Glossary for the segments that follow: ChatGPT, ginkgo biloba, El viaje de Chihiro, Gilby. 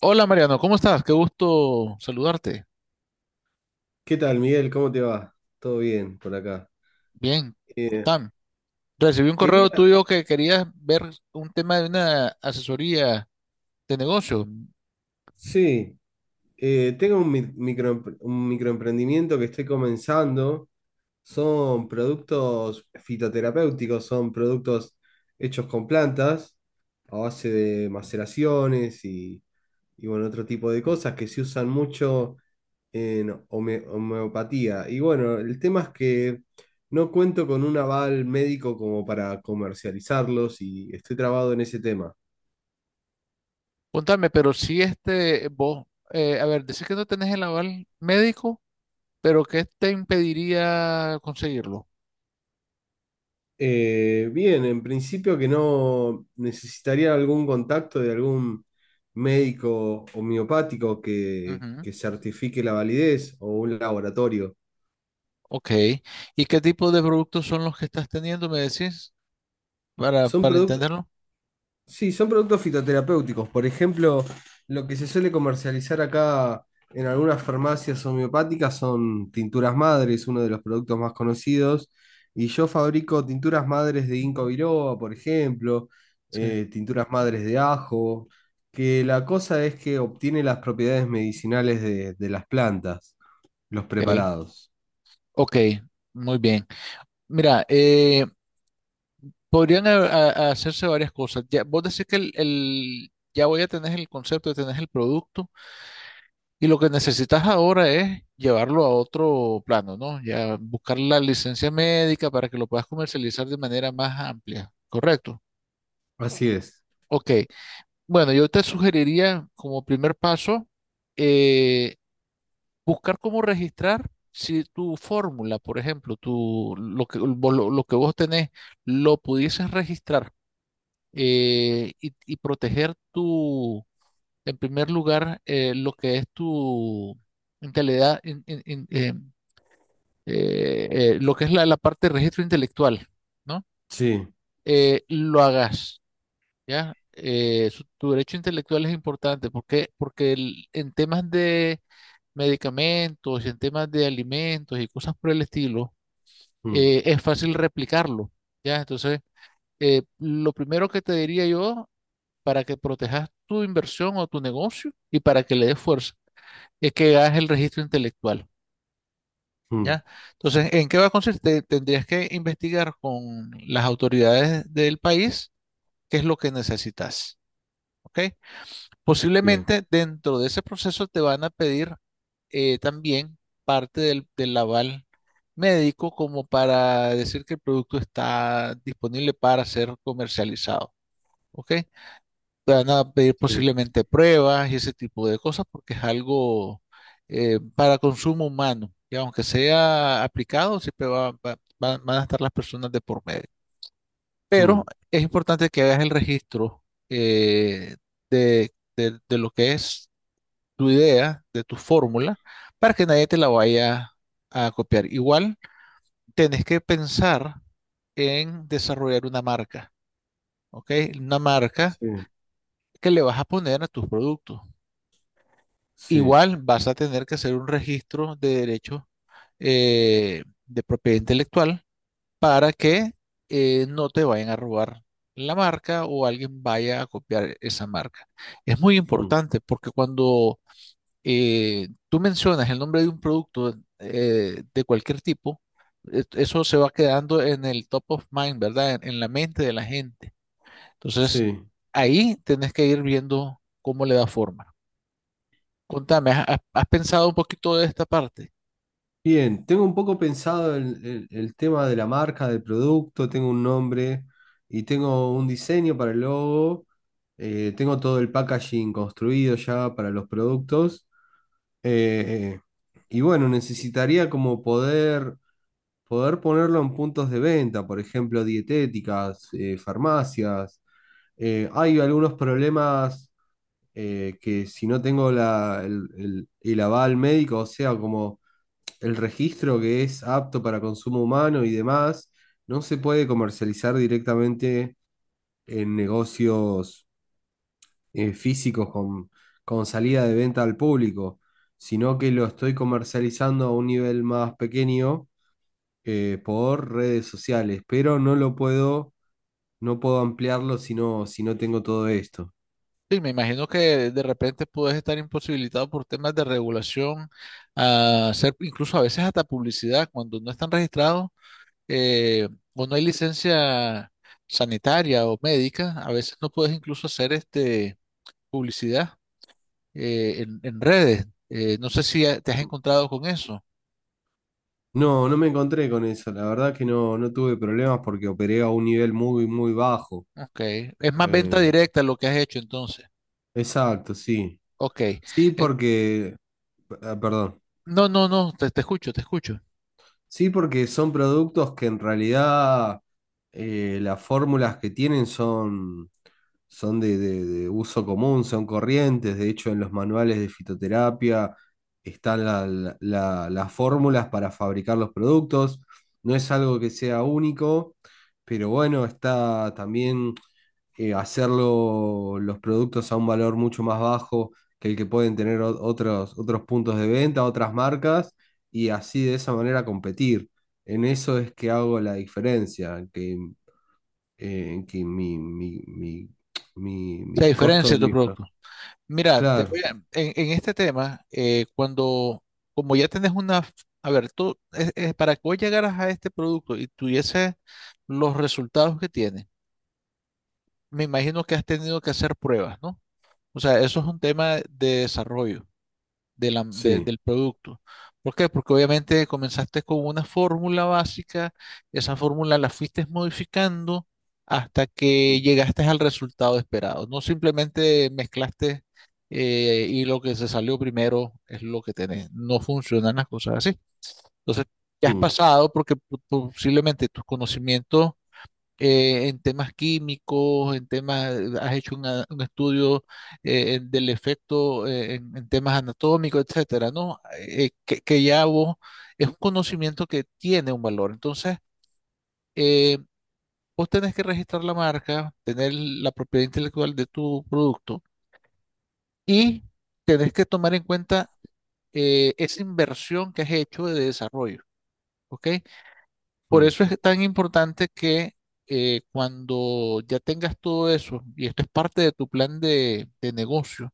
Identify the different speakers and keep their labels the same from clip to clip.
Speaker 1: Hola Mariano, ¿cómo estás? Qué gusto saludarte.
Speaker 2: ¿Qué tal, Miguel? ¿Cómo te va? ¿Todo bien por acá?
Speaker 1: Bien,
Speaker 2: Eh,
Speaker 1: contame. Recibí un correo
Speaker 2: quería,
Speaker 1: tuyo que querías ver un tema de una asesoría de negocio.
Speaker 2: sí, tengo un microemprendimiento que estoy comenzando. Son productos fitoterapéuticos, son productos hechos con plantas a base de maceraciones y, bueno, otro tipo de cosas que se usan mucho en homeopatía. Y bueno, el tema es que no cuento con un aval médico como para comercializarlos y estoy trabado en ese tema.
Speaker 1: Contame, pero si este, vos, a ver, decís que no tenés el aval médico, pero ¿qué te impediría conseguirlo?
Speaker 2: Bien, en principio que no necesitaría algún contacto de algún médico homeopático
Speaker 1: Ujú.
Speaker 2: que certifique la validez o un laboratorio.
Speaker 1: Ok. ¿Y qué tipo de productos son los que estás teniendo, me decís,
Speaker 2: ¿Son
Speaker 1: para
Speaker 2: productos
Speaker 1: entenderlo?
Speaker 2: sí, son productos fitoterapéuticos? Por ejemplo, lo que se suele comercializar acá en algunas farmacias homeopáticas son tinturas madres, uno de los productos más conocidos. Y yo fabrico tinturas madres de ginkgo biloba, por ejemplo,
Speaker 1: Sí.
Speaker 2: tinturas madres de ajo, que la cosa es que obtiene las propiedades medicinales de las plantas, los
Speaker 1: Ok,
Speaker 2: preparados.
Speaker 1: ok, muy bien. Mira, podrían hacerse varias cosas. Ya, vos decís que ya voy a tener el concepto, ya tenés el producto y lo que necesitas ahora es llevarlo a otro plano, ¿no? Ya buscar la licencia médica para que lo puedas comercializar de manera más amplia, ¿correcto?
Speaker 2: Así es.
Speaker 1: Ok. Bueno, yo te sugeriría como primer paso, eh, buscar cómo registrar si tu fórmula, por ejemplo, tu, lo que, lo que vos tenés, lo pudieses registrar, y proteger tu, en primer lugar, lo que es tu intelectualidad, lo que es la, la parte de registro intelectual, ¿no?
Speaker 2: Sí.
Speaker 1: Lo hagas, ¿ya? Tu derecho intelectual es importante porque, porque en temas de medicamentos, en temas de alimentos y cosas por el estilo,
Speaker 2: Mm,
Speaker 1: es fácil replicarlo, ¿ya? Entonces, lo primero que te diría yo para que protejas tu inversión o tu negocio y para que le des fuerza. Es que hagas el registro intelectual,
Speaker 2: mm,
Speaker 1: ¿ya? Entonces, ¿en qué va a consistir? Tendrías que investigar con las autoridades del país qué es lo que necesitas, ¿ok?
Speaker 2: bien.
Speaker 1: Posiblemente dentro de ese proceso te van a pedir, también parte del aval médico como para decir que el producto está disponible para ser comercializado, ¿ok? Van a pedir
Speaker 2: Sí.
Speaker 1: posiblemente pruebas y ese tipo de cosas porque es algo, para consumo humano. Y aunque sea aplicado, siempre van a estar las personas de por medio. Pero
Speaker 2: Mm,
Speaker 1: es importante que hagas el registro, eh, de, de lo que es tu idea, de tu fórmula, para que nadie te la vaya a copiar. Igual, tenés que pensar en desarrollar una marca, ¿ok? Una marca
Speaker 2: sí.
Speaker 1: que le vas a poner a tus productos.
Speaker 2: Sí.
Speaker 1: Igual vas a tener que hacer un registro de derechos, de propiedad intelectual para que, no te vayan a robar la marca o alguien vaya a copiar esa marca. Es muy
Speaker 2: Mm,
Speaker 1: importante porque cuando, tú mencionas el nombre de un producto, de cualquier tipo, eso se va quedando en el top of mind, ¿verdad? En la mente de la gente. Entonces,
Speaker 2: sí.
Speaker 1: ahí tenés que ir viendo cómo le da forma. Contame, ¿has, has pensado un poquito de esta parte?
Speaker 2: Bien, tengo un poco pensado el tema de la marca, del producto, tengo un nombre y tengo un diseño para el logo. Tengo todo el packaging construido ya para los productos, eh, y bueno, necesitaría como poder ponerlo en puntos de venta, por ejemplo, dietéticas, farmacias. Hay algunos problemas, que si no tengo el aval médico, o sea, como el registro que es apto para consumo humano y demás, no se puede comercializar directamente en negocios físicos con salida de venta al público, sino que lo estoy comercializando a un nivel más pequeño, por redes sociales, pero no lo no puedo ampliarlo si si no tengo todo esto.
Speaker 1: Sí, me imagino que de repente puedes estar imposibilitado por temas de regulación, a hacer incluso a veces hasta publicidad cuando no están registrados, eh, o no hay licencia sanitaria o médica, a veces no puedes incluso hacer este publicidad, en redes. No sé si te has encontrado con eso.
Speaker 2: No, no me encontré con eso, la verdad que no, no tuve problemas porque operé a un nivel muy, muy bajo.
Speaker 1: Ok, es más venta
Speaker 2: Eh,
Speaker 1: directa lo que has hecho entonces.
Speaker 2: exacto, sí.
Speaker 1: Ok.
Speaker 2: Sí,
Speaker 1: En-
Speaker 2: porque, ah, perdón,
Speaker 1: no, no, no, te escucho, te escucho.
Speaker 2: sí, porque son productos que en realidad, las fórmulas que tienen son, son de uso común, son corrientes. De hecho, en los manuales de fitoterapia están las fórmulas para fabricar los productos. No es algo que sea único, pero bueno, está también, hacerlo los productos a un valor mucho más bajo que el que pueden tener otros, otros puntos de venta, otras marcas, y así de esa manera competir. En eso es que hago la diferencia, que mi
Speaker 1: La
Speaker 2: costo
Speaker 1: diferencia
Speaker 2: de
Speaker 1: de tu
Speaker 2: mis
Speaker 1: producto. Mira,
Speaker 2: Claro,
Speaker 1: en este tema, cuando, como ya tenés una, a ver, tú, es para que vos llegaras a este producto y tuvieses los resultados que tiene, me imagino que has tenido que hacer pruebas, ¿no? O sea, eso es un tema de desarrollo
Speaker 2: sí.
Speaker 1: del producto. ¿Por qué? Porque obviamente comenzaste con una fórmula básica, esa fórmula la fuiste modificando hasta que
Speaker 2: Mm,
Speaker 1: llegaste al resultado esperado. No simplemente mezclaste, y lo que se salió primero es lo que tenés. No funcionan las cosas así. Entonces, ya has
Speaker 2: mm,
Speaker 1: pasado porque posiblemente tus conocimientos, en temas químicos, en temas, has hecho un estudio, del efecto, en temas anatómicos, etcétera, ¿no? Que ya vos es un conocimiento que tiene un valor. Entonces, eh, vos tenés que registrar la marca, tener la propiedad intelectual de tu producto y tenés que tomar en cuenta, esa inversión que has hecho de desarrollo, ¿ok? Por
Speaker 2: mm,
Speaker 1: eso es tan importante que, cuando ya tengas todo eso, y esto es parte de tu plan de negocio,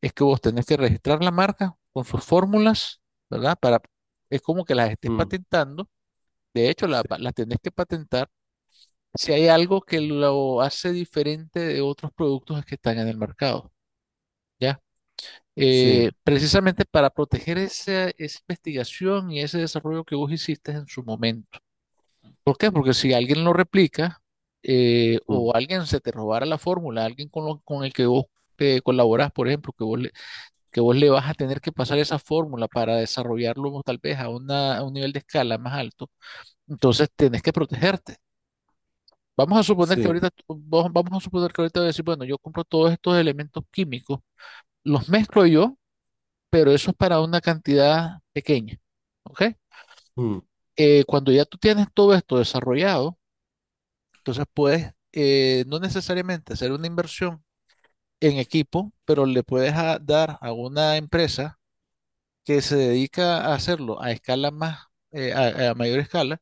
Speaker 1: es que vos tenés que registrar la marca con sus fórmulas, ¿verdad? Para, es como que las estés
Speaker 2: mm,
Speaker 1: patentando. De hecho,
Speaker 2: sí,
Speaker 1: las tenés que patentar si hay algo que lo hace diferente de otros productos que están en el mercado, ¿ya?
Speaker 2: sí,
Speaker 1: Precisamente para proteger esa, esa investigación y ese desarrollo que vos hiciste en su momento. ¿Por qué? Porque si alguien lo replica,
Speaker 2: mm,
Speaker 1: o alguien se te robara la fórmula, alguien con, con el que vos te colaborás, por ejemplo, que vos le vas a tener que pasar esa fórmula para desarrollarlo tal vez a, a un nivel de escala más alto, entonces tenés que protegerte. Vamos a suponer que
Speaker 2: sí,
Speaker 1: ahorita, vamos a suponer que ahorita voy a decir, bueno, yo compro todos estos elementos químicos, los mezclo yo, pero eso es para una cantidad pequeña, ¿ok?
Speaker 2: mm,
Speaker 1: Cuando ya tú tienes todo esto desarrollado, entonces puedes, no necesariamente hacer una inversión en equipo, pero le puedes dar a una empresa que se dedica a hacerlo a escala más, a mayor escala,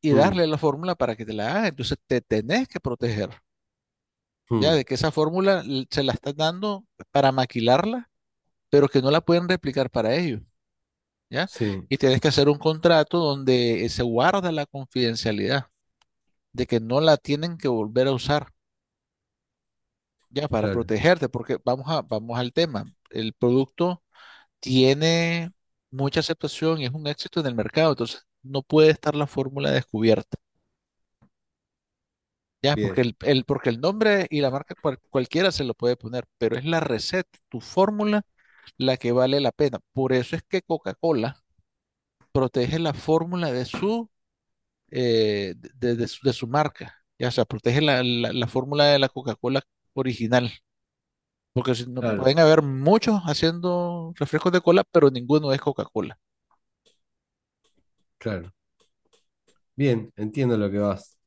Speaker 1: y
Speaker 2: mm,
Speaker 1: darle la fórmula para que te la haga. Entonces te tenés que proteger, ya
Speaker 2: mm,
Speaker 1: de que esa fórmula se la estás dando para maquilarla, pero que no la pueden replicar para ellos, ¿ya?
Speaker 2: sí,
Speaker 1: Y tienes que hacer un contrato donde, se guarda la confidencialidad, de que no la tienen que volver a usar, ya para
Speaker 2: claro,
Speaker 1: protegerte, porque vamos a, vamos al tema. El producto tiene mucha aceptación y es un éxito en el mercado, entonces no puede estar la fórmula descubierta, ya, porque
Speaker 2: bien,
Speaker 1: porque el nombre y la marca cualquiera se lo puede poner, pero es la receta, tu fórmula, la que vale la pena. Por eso es que Coca-Cola protege la fórmula de su, de su, de su marca, ya, o sea, protege la, la fórmula de la Coca-Cola original. Porque si no,
Speaker 2: claro,
Speaker 1: pueden haber muchos haciendo refrescos de cola, pero ninguno es Coca-Cola.
Speaker 2: claro. Bien, entiendo lo que vas.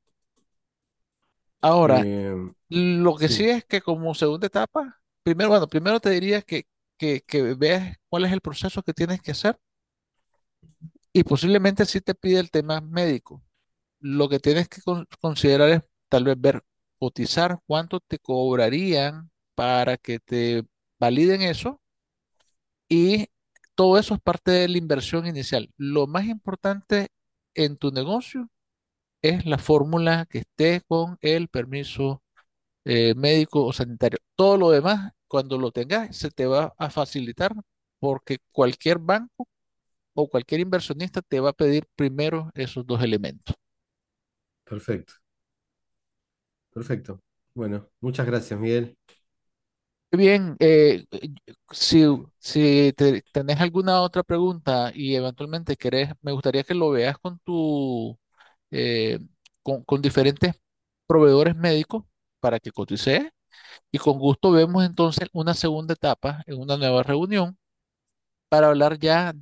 Speaker 1: Ahora,
Speaker 2: Eh,
Speaker 1: lo que sí
Speaker 2: Sí,
Speaker 1: es que como segunda etapa, primero, bueno, primero te diría que veas cuál es el proceso que tienes que hacer y posiblemente sí te pide el tema médico. Lo que tienes que considerar es tal vez ver, cotizar cuánto te cobrarían para que te validen eso y todo eso es parte de la inversión inicial. Lo más importante en tu negocio es la fórmula que esté con el permiso, médico o sanitario. Todo lo demás, cuando lo tengas, se te va a facilitar porque cualquier banco o cualquier inversionista te va a pedir primero esos dos elementos.
Speaker 2: perfecto, perfecto. Bueno, muchas gracias, Miguel.
Speaker 1: Bien, si, si tenés alguna otra pregunta y eventualmente querés, me gustaría que lo veas con tu, eh, con diferentes proveedores médicos para que cotices. Y con gusto vemos entonces una segunda etapa en una nueva reunión para hablar ya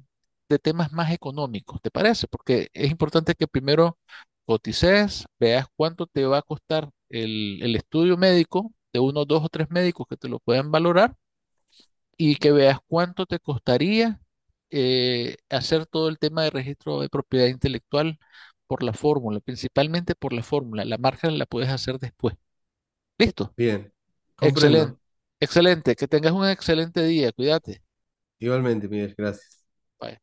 Speaker 1: de temas más económicos, ¿te parece? Porque es importante que primero cotices, veas cuánto te va a costar el estudio médico de uno, dos o tres médicos que te lo puedan valorar y que veas cuánto te costaría, hacer todo el tema de registro de propiedad intelectual por la fórmula, principalmente por la fórmula. La marca la puedes hacer después. ¿Listo?
Speaker 2: Bien,
Speaker 1: Excelente,
Speaker 2: comprendo.
Speaker 1: excelente, que tengas un excelente día, cuídate.
Speaker 2: Igualmente, Miguel, gracias.
Speaker 1: Bye.